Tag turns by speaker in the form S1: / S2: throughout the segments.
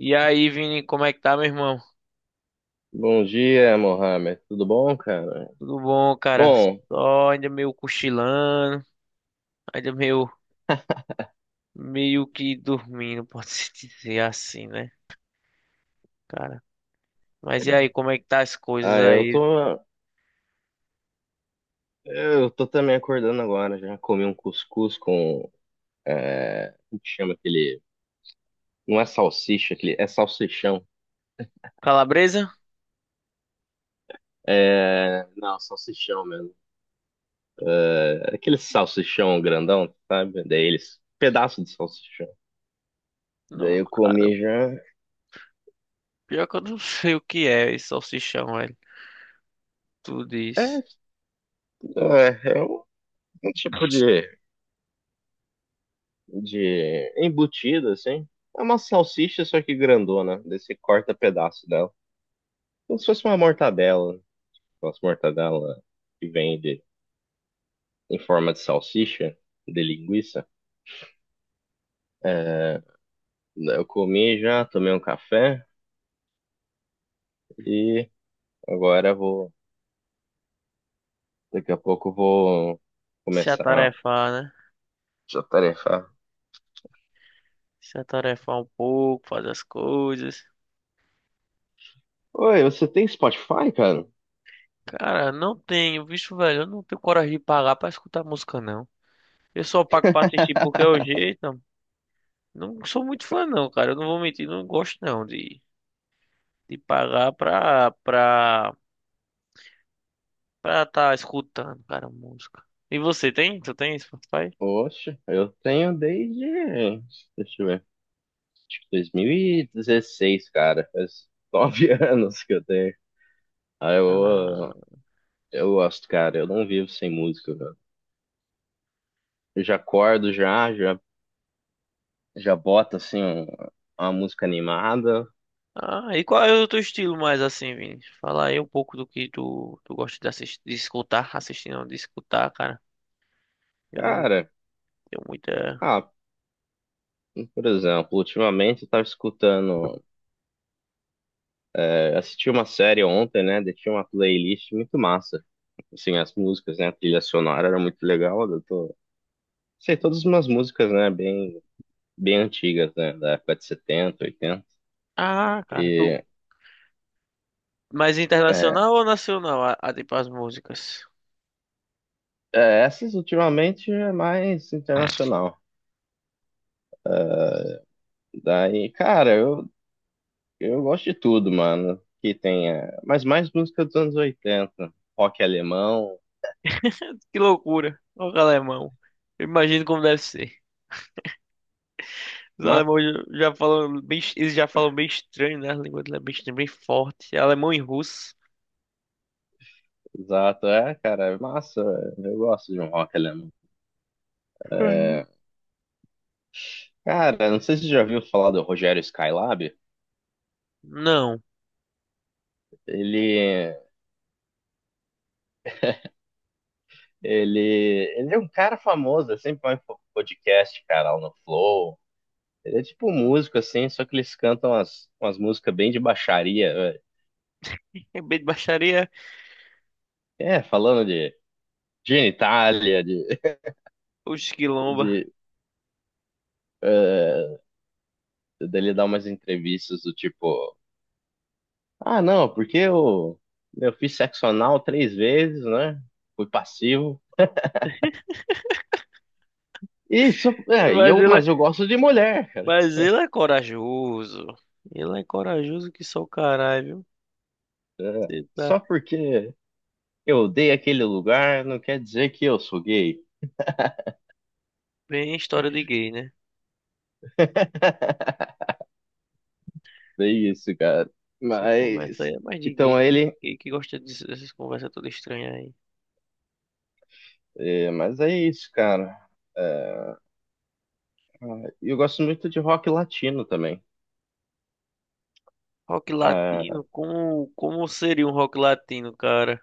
S1: E aí, Vini, como é que tá, meu irmão?
S2: Bom dia, Mohamed. Tudo bom, cara?
S1: Tudo bom, cara?
S2: Bom,
S1: Só ainda meio cochilando, ainda meio, meio que dormindo, pode-se dizer assim, né, cara? Mas e aí, como é que tá as coisas
S2: ah, eu
S1: aí?
S2: tô, eu tô também acordando agora. Já comi um cuscuz como que chama aquele? Não é salsicha, aquele, é salsichão.
S1: Calabresa?
S2: Não, salsichão mesmo. É aquele salsichão grandão, sabe? Daí eles, pedaço de salsichão. Daí
S1: Não,
S2: eu
S1: cara,
S2: comi já.
S1: pior que eu não sei o que é esse salsichão, velho. Tudo
S2: É,
S1: isso.
S2: é, é um, um tipo de embutido, assim. É uma salsicha, só que grandona. Daí você corta pedaço dela. Como se fosse uma mortadela, aquelas mortadela que vende em forma de salsicha, de linguiça. É, eu comi já, tomei um café e agora daqui a pouco eu vou
S1: Se
S2: começar
S1: atarefar, né?
S2: a tarefar.
S1: Se atarefar um pouco, fazer as coisas.
S2: Oi, você tem Spotify, cara?
S1: Cara, não tenho, bicho, velho, eu não tenho coragem de pagar pra escutar música, não. Eu só pago pra assistir porque é o jeito. Não sou muito fã, não, cara. Eu não vou mentir, não gosto não de, de pagar pra tá escutando, cara, música. E você tem? Tu tem Spotify?
S2: Oxe, eu tenho desde, deixa eu ver, 2016, cara. Faz nove anos que eu tenho. Ah,
S1: Ah,
S2: eu, eu gosto, cara. Eu não vivo sem música, cara. Eu já acordo já, bota assim uma música animada.
S1: e qual é o teu estilo mais assim, Vini? Fala aí um pouco do que tu gosta de assistir, de escutar, assistir não, de escutar, cara. Eu não
S2: Cara,
S1: tenho muita.
S2: ah, por exemplo, ultimamente eu tava escutando, assisti uma série ontem, né? Daí tinha uma playlist muito massa. Assim, as músicas, né? A trilha sonora era muito legal. Eu sei, todas umas músicas, né, bem antigas, né, da época de setenta oitenta.
S1: Ah, cara, tu
S2: E
S1: mais
S2: é,
S1: internacional ou nacional? Tipo as músicas.
S2: essas ultimamente é mais internacional. Daí, cara, eu gosto de tudo, mano. Que tenha. Mas mais música dos anos oitenta. Rock alemão.
S1: Que loucura, olha o alemão. Eu imagino como deve ser. Os
S2: Ma...
S1: alemães já falam bem, eles já falam bem estranho, né? A língua dele é bem estranha, bem forte. É alemão e russo.
S2: Exato, é, cara. É massa. Eu gosto de um rock alemão.
S1: Uhum.
S2: É, cara, não sei se você já ouviu falar do Rogério Skylab.
S1: Não.
S2: Ele. Ele. Ele é um cara famoso. Ele sempre vai em podcast, cara, lá no Flow. Ele é tipo um músico, assim, só que eles cantam umas músicas bem de baixaria, velho.
S1: É bem de baixaria,
S2: É, falando de genitália,
S1: os quilomba.
S2: de é, dele dar umas entrevistas do tipo, ah, não, porque eu fiz sexo anal três vezes, né? Fui passivo. E só, é, e
S1: Mas
S2: eu,
S1: ele, é-
S2: mas eu gosto de mulher, cara.
S1: mas ele é corajoso. Ele é corajoso que só o caralho, viu?
S2: É,
S1: Você tá
S2: só porque eu odeio aquele lugar não quer dizer que eu sou gay.
S1: bem história de gay, né?
S2: Bem isso, cara.
S1: Essa conversa aí
S2: Mas,
S1: é mais de
S2: então
S1: gay,
S2: aí
S1: né?
S2: ele,
S1: Gay que gosta dessas conversas todas estranhas aí.
S2: é, mas é isso, cara. É, eu gosto muito de rock latino também.
S1: Rock
S2: É,
S1: latino, como seria um rock latino, cara?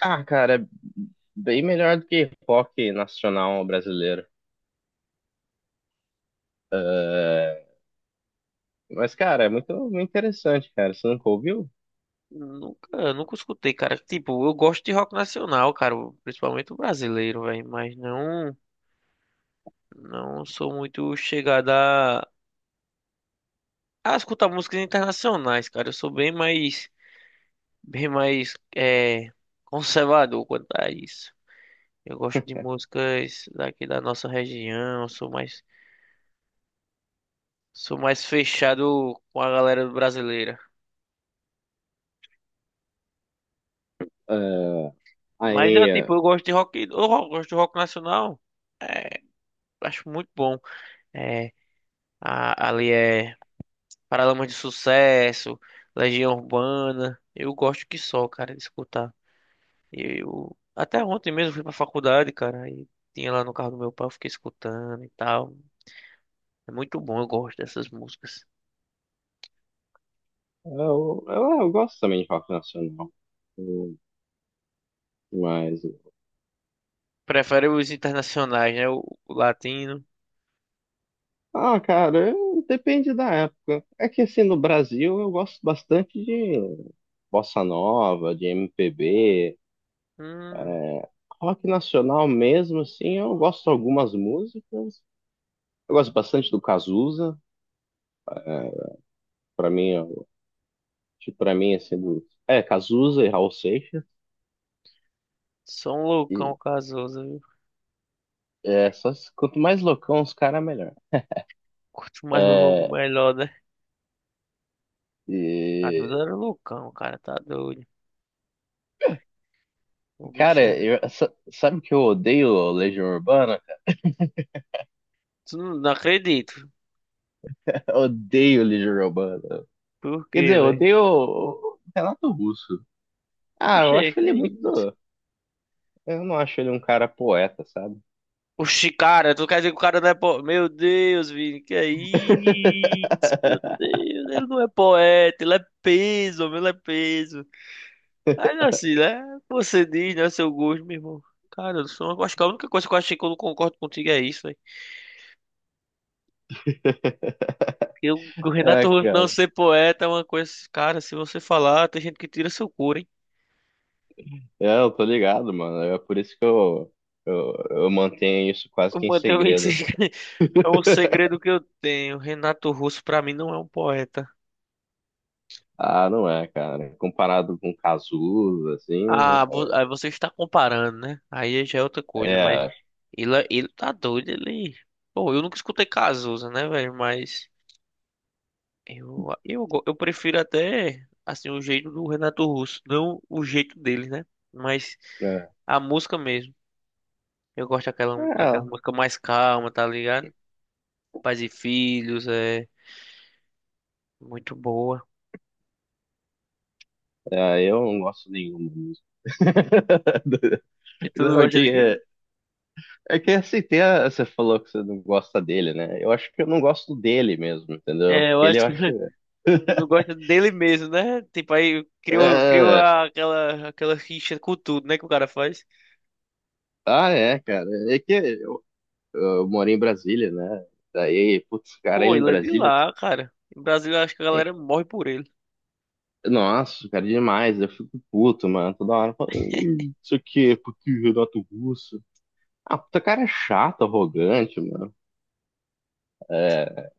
S2: ah, cara, bem melhor do que rock nacional brasileiro. É, mas, cara, é muito, muito interessante, cara. Você nunca ouviu?
S1: Nunca escutei, cara. Tipo, eu gosto de rock nacional, cara, principalmente o brasileiro, velho, não sou muito chegada a escutar músicas internacionais, cara. Eu sou bem mais, bem mais é, conservador quanto a isso. Eu gosto de músicas daqui da nossa região, sou mais fechado com a galera brasileira.
S2: É,
S1: Mas
S2: aí,
S1: eu, tipo,
S2: é,
S1: eu gosto de rock, eu gosto de rock nacional, acho muito bom. É, ali é Paralamas de Sucesso, Legião Urbana. Eu gosto que só, cara, de escutar. Eu até ontem mesmo fui pra faculdade, cara, e tinha lá no carro do meu pai, eu fiquei escutando e tal. É muito bom, eu gosto dessas músicas.
S2: eu gosto também de rock nacional. Eu- Mas,
S1: Prefere os internacionais, né? O latino.
S2: ah, cara, eu- depende da época. É que, assim, no Brasil eu gosto bastante de bossa nova, de MPB.
S1: Hum,
S2: Rock nacional mesmo, assim, eu gosto de algumas músicas. Eu gosto bastante do Cazuza. É, Pra mim, tipo, pra mim, assim, do... É, Cazuza e Raul Seixas.
S1: sou um
S2: E
S1: loucão casoso, viu?
S2: só se- quanto mais loucão os caras, melhor.
S1: Quanto mais louco,
S2: É,
S1: melhor, né? A
S2: e,
S1: Duda era um loucão, cara, tá doido. O
S2: cara,
S1: bicho era...
S2: eu, sa- sabe que eu odeio Legião Urbana?
S1: Tu não, não acredito.
S2: Eu odeio Legião Urbana.
S1: Por
S2: Quer
S1: quê,
S2: dizer, eu
S1: velho?
S2: odeio o Renato Russo. Ah,
S1: Poxa,
S2: eu acho
S1: que
S2: ele
S1: é isso?
S2: muito. Eu não acho ele um cara poeta, sabe?
S1: Oxi, cara, tu quer dizer que o cara não é poeta? Meu Deus, Vini, que é isso? Meu Deus, ele não é poeta, ele é peso, meu, ele é peso. Mas assim, né? Você diz, né? Seu gosto, meu irmão. Cara, eu sou, eu acho que a única coisa que eu achei que eu não concordo contigo é isso, velho. Eu, o
S2: É,
S1: Renato Russo não
S2: cara.
S1: ser poeta é uma coisa, cara, se você falar, tem gente que tira seu couro, hein?
S2: É, eu tô ligado, mano. É por isso que eu mantenho isso quase que em
S1: Mano, também esse
S2: segredo.
S1: é um segredo que eu tenho. Renato Russo, pra mim, não é um poeta.
S2: Ah, não é, cara. Comparado com Cazuza, assim,
S1: Ah, você está comparando, né? Aí já é outra coisa, mas
S2: é. É,
S1: ele tá doido, ele... Bom, eu nunca escutei Cazuza, né, velho? Mas eu prefiro até, assim, o jeito do Renato Russo, não o jeito dele, né? Mas
S2: é,
S1: a música mesmo. Eu gosto daquela música mais calma, tá ligado? Pais e Filhos, é muito boa.
S2: eu não gosto nenhuma música.
S1: E tu não
S2: Não, é
S1: gosta
S2: que
S1: de quê?
S2: é, é que assim, tem a- você falou que você não gosta dele, né? Eu acho que eu não gosto dele mesmo, entendeu?
S1: É, eu
S2: Ele
S1: acho
S2: eu
S1: que...
S2: acho.
S1: Não gosta dele mesmo, né? Tipo, criou
S2: É,
S1: aquela rixa com tudo, né? Que o cara faz.
S2: ah, é, cara. É que eu moro em Brasília, né? Daí, putz, cara,
S1: Pô,
S2: em
S1: ele é de
S2: Brasília...
S1: lá, cara. No Brasil, eu acho que a galera morre por ele.
S2: Nossa, cara, demais. Eu fico puto, mano. Toda hora falando, "Ih, isso aqui é porque o Renato Russo. Ah, puta cara é chato, arrogante, mano. É,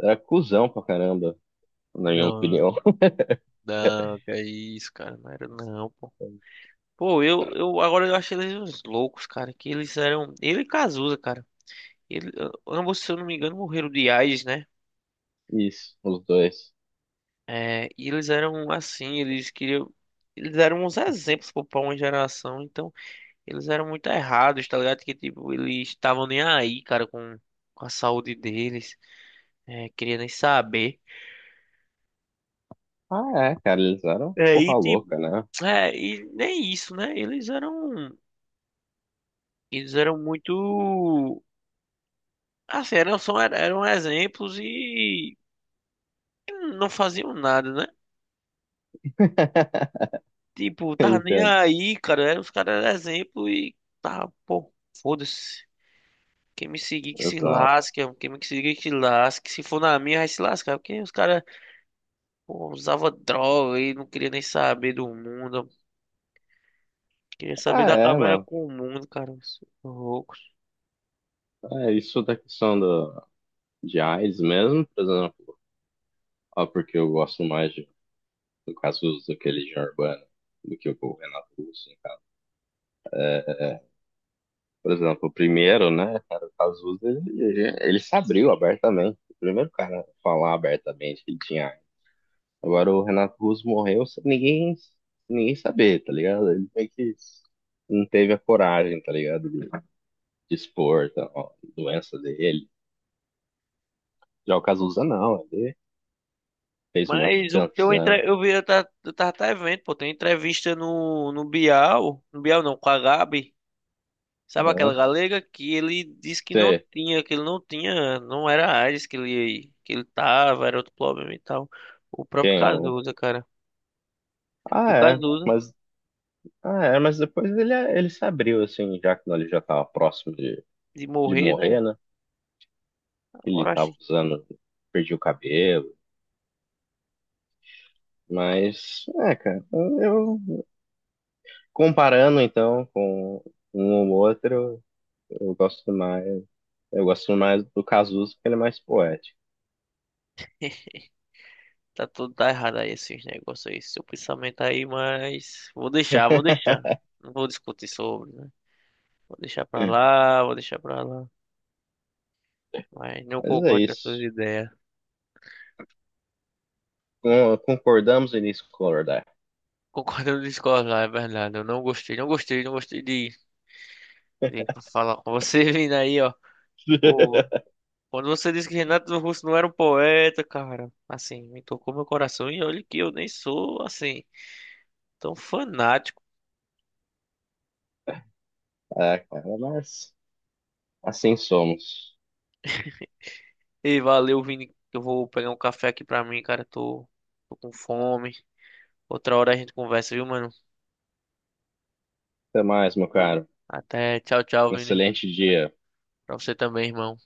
S2: era cuzão pra caramba, na minha
S1: Não,
S2: opinião.
S1: não, que é isso, cara. Não era não, pô. Pô, eu agora eu acho eles uns loucos, cara. Que eles eram. Ele e Cazuza, cara. Ele, ambos, se eu não me engano, morreram de AIDS, né?
S2: Isso, os dois.
S1: É, e eles eram assim, eles queriam. Eles eram uns exemplos pô, pra uma geração. Então. Eles eram muito errados, tá ligado? Que tipo, eles estavam nem aí, cara, com a saúde deles. É, queria nem saber.
S2: Ah, é, cara, eles eram
S1: É, e
S2: porra
S1: tipo,
S2: louca, né?
S1: é, e nem isso, né? Eles eram muito, assim, eram, só, eram exemplos e não faziam nada, né? Tipo, tava nem
S2: Entendo.
S1: aí, cara. Eram os caras eram exemplo e tá, pô, foda-se. Quem me seguir que se
S2: Exato.
S1: lasque, quem me seguir que se lasque. Se for na minha, vai se lascar, porque os caras pô, usava droga e não queria nem saber do mundo. Queria saber
S2: Ah,
S1: da
S2: é,
S1: cabra
S2: mano.
S1: com o mundo, cara. Sou louco.
S2: É isso da questão de AIDS mesmo, por exemplo. Ah, porque eu gosto mais no caso, daquele Legião Urbana do que o Renato Russo, no caso. Por exemplo, o primeiro, né, cara, o Cazuza, ele se abriu abertamente. O primeiro cara a falar abertamente que ele tinha AIDS. Agora o Renato Russo morreu sem ninguém, sem ninguém saber, tá ligado? Ele meio que não teve a coragem, tá ligado? De expor tá, ó, a doença dele. Já o Cazuza não, ele fez um monte de
S1: Mas o que eu
S2: canção.
S1: entre... eu vi, eu tava até vendo, pô, tem entrevista no Bial, no Bial não, com a Gabi, sabe aquela
S2: Né?
S1: galega que ele disse que não
S2: Você,
S1: tinha, que ele não tinha, não era a AIDS que ele tava, era outro problema e tal. O próprio
S2: quem?
S1: Cazuza, cara. O
S2: É,
S1: Cazuza,
S2: mas, ah, é, mas depois ele se abriu, assim, já que ele já tava próximo
S1: de
S2: de
S1: morrer, né?
S2: morrer, né? Ele
S1: Agora acho
S2: tava usando, perdi o cabelo. Mas, é, cara, eu comparando então com um ou outro, eu gosto mais, eu gosto mais do Cazuza porque ele é mais poético.
S1: tá tudo tá errado aí esses negócios aí, seu pensamento aí, mas vou deixar, vou deixar. Não vou discutir sobre, né? Vou deixar pra lá, vou deixar pra lá. Mas não
S2: Mas é
S1: concordo com as suas
S2: isso.
S1: ideias.
S2: Con- Concordamos em discordar.
S1: Concordo ou discordo, é verdade. Eu não gostei, não gostei, não gostei de falar com você vindo aí, ó. Pô, quando você disse que Renato Russo não era um poeta, cara, assim, me tocou meu coração e olha que eu nem sou, assim, tão fanático.
S2: É, cara, mas assim somos.
S1: E valeu, Vini, que eu vou pegar um café aqui pra mim, cara, tô com fome. Outra hora a gente conversa, viu, mano?
S2: Até mais, meu caro.
S1: Até tchau, tchau, Vini.
S2: Excelente dia.
S1: Pra você também, irmão.